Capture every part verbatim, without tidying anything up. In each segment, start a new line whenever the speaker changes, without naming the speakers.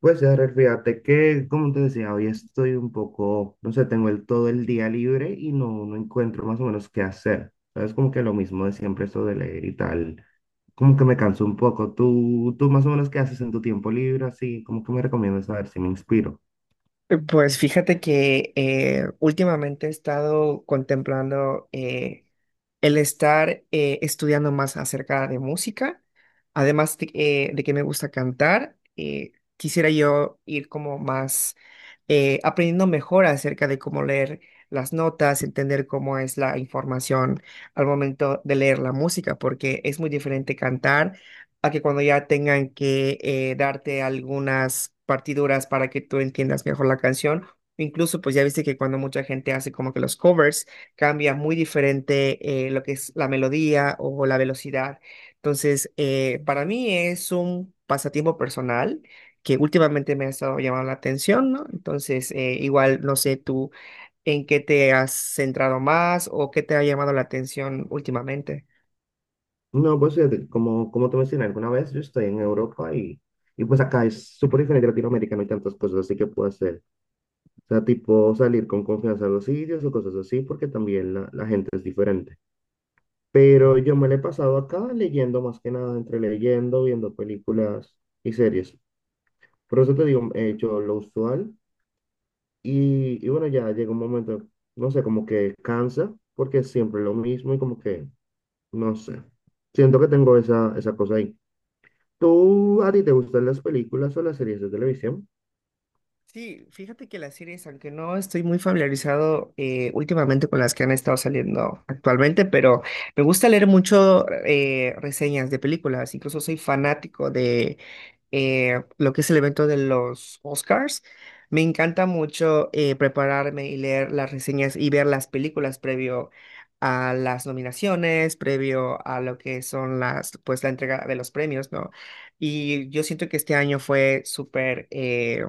Pues ya, Rel, fíjate que, como te decía, hoy estoy un poco, no sé, tengo el, todo el día libre y no, no encuentro más o menos qué hacer. Es como que lo mismo de siempre, eso de leer y tal. Como que me canso un poco. ¿Tú, tú más o menos qué haces en tu tiempo libre? Así, como que me recomiendas saber si me inspiro.
Pues fíjate que eh, últimamente he estado contemplando eh, el estar eh, estudiando más acerca de música, además de, eh, de que me gusta cantar, eh, quisiera yo ir como más eh, aprendiendo mejor acerca de cómo leer las notas, entender cómo es la información al momento de leer la música, porque es muy diferente cantar a que cuando ya tengan que eh, darte algunas partiduras para que tú entiendas mejor la canción. Incluso, pues ya viste que cuando mucha gente hace como que los covers, cambia muy diferente eh, lo que es la melodía o la velocidad. Entonces, eh, para mí es un pasatiempo personal que últimamente me ha estado llamando la atención, ¿no? Entonces, eh, igual no sé tú en qué te has centrado más o qué te ha llamado la atención últimamente.
No, pues fíjate, como, como te mencioné alguna vez, yo estoy en Europa y, y pues acá es súper diferente a Latinoamérica, no hay tantas cosas así que puedo hacer. O sea, tipo salir con confianza a los sitios o cosas así, porque también la la gente es diferente. Pero yo me la he pasado acá leyendo más que nada, entre leyendo, viendo películas y series. Por eso te digo, he hecho lo usual y, y bueno, ya llega un momento, no sé, como que cansa porque es siempre lo mismo y como que, no sé, siento que tengo esa, esa cosa ahí. ¿Tú, a ti te gustan las películas o las series de televisión?
Sí, fíjate que las series, aunque no estoy muy familiarizado eh, últimamente con las que han estado saliendo actualmente, pero me gusta leer mucho eh, reseñas de películas, incluso soy fanático de eh, lo que es el evento de los Oscars. Me encanta mucho eh, prepararme y leer las reseñas y ver las películas previo a las nominaciones, previo a lo que son las, pues la entrega de los premios, ¿no? Y yo siento que este año fue súper eh,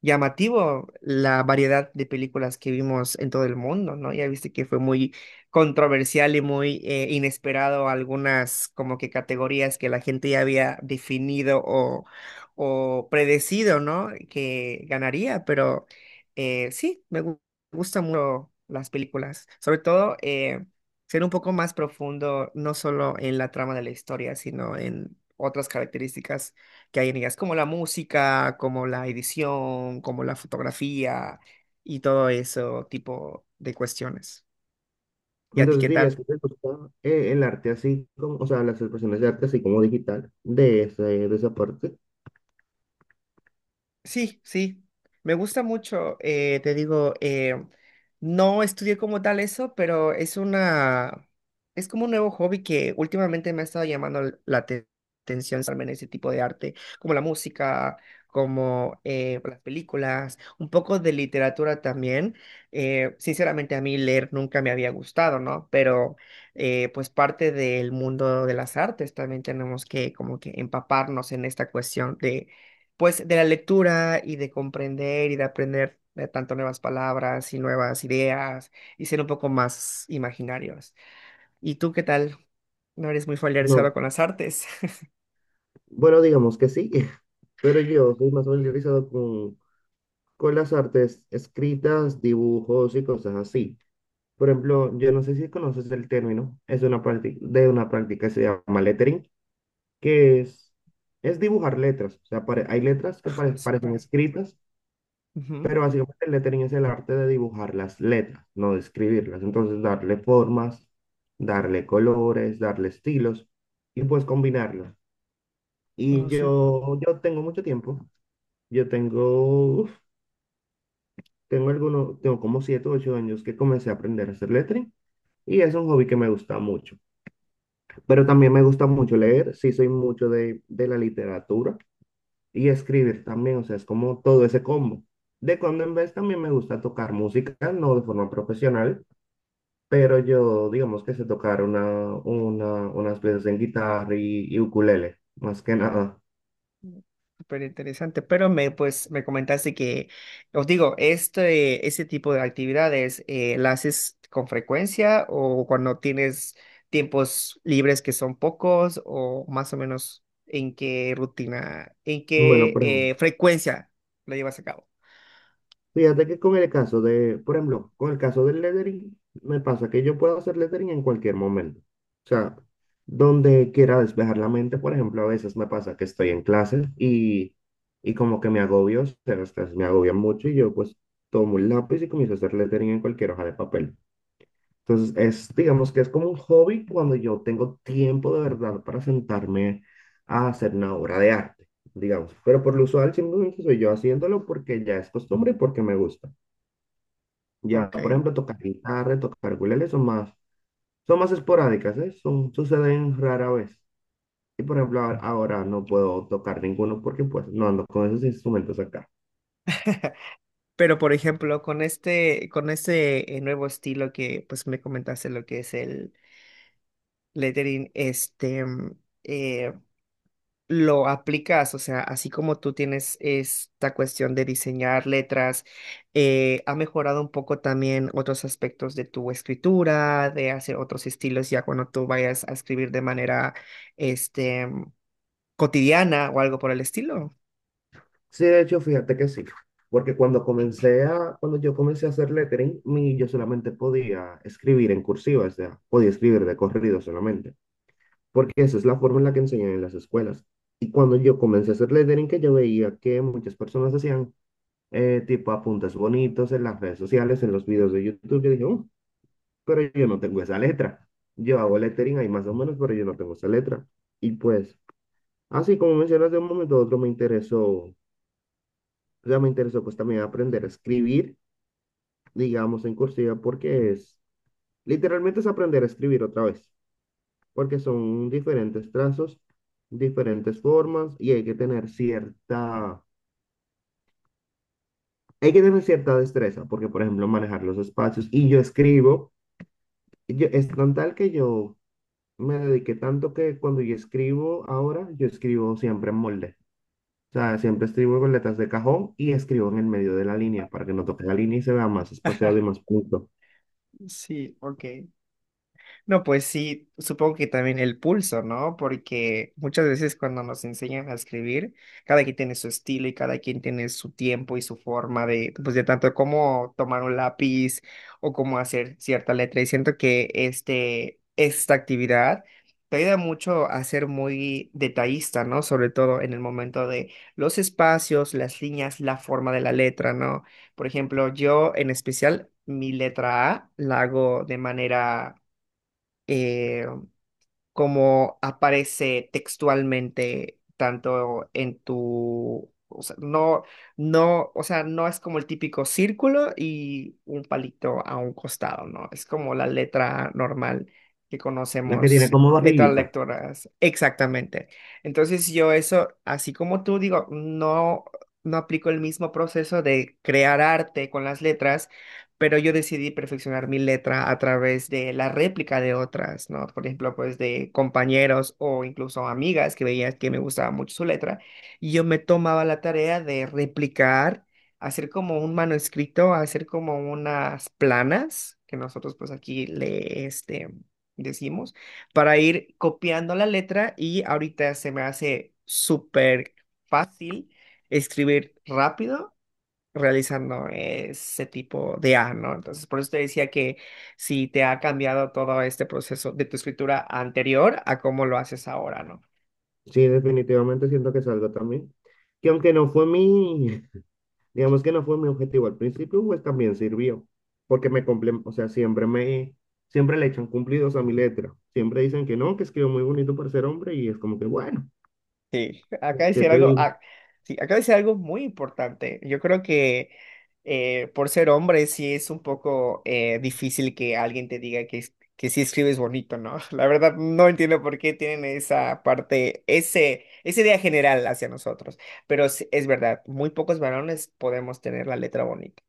llamativo la variedad de películas que vimos en todo el mundo, ¿no? Ya viste que fue muy controversial y muy eh, inesperado algunas como que categorías que la gente ya había definido o predecido, ¿no? Que ganaría, pero eh, sí, me gu- gustan mucho las películas, sobre todo eh, ser un poco más profundo, no solo en la trama de la historia, sino en otras características que hay en ellas, como la música, como la edición, como la fotografía y todo eso tipo de cuestiones. ¿Y a ti
Entonces
qué
dirías
tal?
que te gusta eh, el arte así, como, o sea, las expresiones de arte así como digital, de, ese, de esa parte.
Sí, sí, me gusta mucho, eh, te digo, eh, no estudié como tal eso, pero es una, es como un nuevo hobby que últimamente me ha estado llamando l- la te- atención, estarme en ese tipo de arte, como la música, como eh, las películas, un poco de literatura también. Eh, sinceramente a mí leer nunca me había gustado, ¿no? Pero eh, pues parte del mundo de las artes también tenemos que como que empaparnos en esta cuestión de pues de la lectura y de comprender y de aprender eh, tanto nuevas palabras y nuevas ideas y ser un poco más imaginarios. ¿Y tú qué tal? ¿No eres muy familiarizado
No,
con las artes?
bueno, digamos que sí, pero yo soy más familiarizado con, con las artes escritas, dibujos y cosas así. Por ejemplo, yo no sé si conoces el término, es una práctica, de una práctica que se llama lettering, que es, es dibujar letras. O sea, pare- hay letras que pare-
Ah,
parecen
súper.
escritas,
Ujú.
pero básicamente el lettering es el arte de dibujar las letras, no de escribirlas. Entonces, darle formas, darle colores, darle estilos y pues combinarlos. Y
Ah,
yo, yo tengo mucho tiempo. Yo tengo, uf, tengo algunos, tengo como siete o ocho años que comencé a aprender a hacer lettering y es un hobby que me gusta mucho. Pero también me gusta mucho leer, sí soy mucho de, de la literatura y escribir también, o sea, es como todo ese combo. De cuando en vez también me gusta tocar música, no de forma profesional, pero yo digamos que sé tocar una, una, unas piezas en guitarra y, y ukulele, más que nada.
súper interesante, pero me, pues, me comentaste que, os digo, este, ese tipo de actividades, eh, ¿la haces con frecuencia o cuando tienes tiempos libres que son pocos o más o menos en qué rutina, en
Bueno,
qué
por ejemplo.
eh, frecuencia lo llevas a cabo?
Fíjate que con el caso de, por ejemplo, con el caso del lettering, me pasa que yo puedo hacer lettering en cualquier momento. O sea, donde quiera despejar la mente, por ejemplo, a veces me pasa que estoy en clase y, y como que me agobio, o sea, las clases me agobian mucho y yo pues tomo un lápiz y comienzo a hacer lettering en cualquier hoja de papel. Entonces, es, digamos que es como un hobby cuando yo tengo tiempo de verdad para sentarme a hacer una obra de arte, digamos. Pero por lo usual simplemente soy yo haciéndolo porque ya es costumbre y porque me gusta. Ya,
Ok,
por ejemplo, tocar guitarra, tocar ukulele son más, son más esporádicas, ¿eh? Son, suceden rara vez. Y por ejemplo, ahora ahora no puedo tocar ninguno porque pues no ando con esos instrumentos acá.
pero por ejemplo, con este, con este eh, nuevo estilo que pues me comentaste lo que es el lettering, este, mm, eh, lo aplicas, o sea, así como tú tienes esta cuestión de diseñar letras, eh, ha mejorado un poco también otros aspectos de tu escritura, de hacer otros estilos ya cuando tú vayas a escribir de manera, este, cotidiana o algo por el estilo.
Sí, de hecho, fíjate que sí. Porque cuando comencé a, cuando yo comencé a hacer lettering, mi, yo solamente podía escribir en cursiva, o sea, podía escribir de corrido solamente. Porque esa es la forma en la que enseñan en las escuelas. Y cuando yo comencé a hacer lettering, que yo veía que muchas personas hacían eh, tipo apuntes bonitos en las redes sociales, en los videos de YouTube. Yo dije: "Oh, pero yo no tengo esa letra. Yo hago lettering ahí más o menos, pero yo no tengo esa letra". Y pues, así como mencionas de un momento a otro, me interesó, o sea, me interesó pues también aprender a escribir, digamos, en cursiva, porque es, literalmente es aprender a escribir otra vez, porque son diferentes trazos, diferentes formas, y hay que tener cierta, hay que tener cierta destreza, porque por ejemplo, manejar los espacios, y yo escribo. Yo, es con tal que yo me dediqué tanto que cuando yo escribo ahora, yo escribo siempre en molde. O sea, siempre escribo con letras de cajón y escribo en el medio de la línea para que no toque la línea y se vea más espaciado y más punto.
Sí, ok. No, pues sí, supongo que también el pulso, ¿no? Porque muchas veces cuando nos enseñan a escribir, cada quien tiene su estilo y cada quien tiene su tiempo y su forma de, pues de tanto cómo tomar un lápiz o cómo hacer cierta letra. Y siento que este, esta actividad te ayuda mucho a ser muy detallista, ¿no? Sobre todo en el momento de los espacios, las líneas, la forma de la letra, ¿no? Por ejemplo, yo en especial, mi letra A la hago de manera eh, como aparece textualmente tanto en tu, o sea, no, no, o sea, no es como el típico círculo y un palito a un costado, ¿no? Es como la letra normal que
La que tiene
conocemos.
como
Otras
barriguita.
lectoras, exactamente. Entonces yo eso, así como tú digo, no, no aplico el mismo proceso de crear arte con las letras, pero yo decidí perfeccionar mi letra a través de la réplica de otras, ¿no? Por ejemplo, pues de compañeros o incluso amigas que veía que me gustaba mucho su letra, y yo me tomaba la tarea de replicar, hacer como un manuscrito, hacer como unas planas, que nosotros pues aquí le, este, decimos, para ir copiando la letra y ahorita se me hace súper fácil escribir rápido realizando ese tipo de A, ¿no? Entonces, por eso te decía que si te ha cambiado todo este proceso de tu escritura anterior a cómo lo haces ahora, ¿no?
Sí, definitivamente siento que es algo también. Que aunque no fue mi, digamos que no fue mi objetivo al principio, pues también sirvió. Porque me complementó, o sea, siempre me, siempre le echan cumplidos a mi letra. Siempre dicen que no, que escribo muy bonito para ser hombre y es como que bueno.
Sí, acá
¿Qué
decir
te
algo,
digo?
ah, sí, acá decir algo muy importante. Yo creo que eh, por ser hombre sí es un poco eh, difícil que alguien te diga que, es- que sí escribes bonito, ¿no? La verdad no entiendo por qué tienen esa parte, ese, esa idea general hacia nosotros. Pero sí, es verdad, muy pocos varones podemos tener la letra bonita.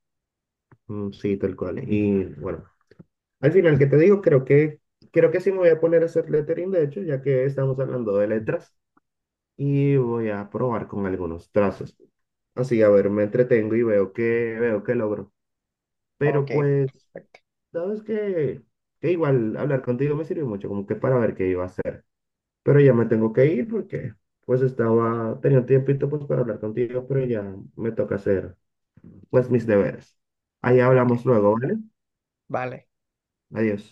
Mm, sí, tal cual. Y bueno, al final, ¿qué te digo? Creo que, creo que sí me voy a poner a hacer lettering, de hecho, ya que estamos hablando de letras, y voy a probar con algunos trazos. Así, a ver, me entretengo y veo que, veo que logro. Pero
Ok,
pues,
perfecto.
sabes que, que igual hablar contigo me sirvió mucho, como que para ver qué iba a hacer. Pero ya me tengo que ir porque pues estaba, tenía un tiempito pues para hablar contigo, pero ya me toca hacer pues mis deberes. Ahí
Ok,
hablamos luego, ¿vale?
vale.
Adiós.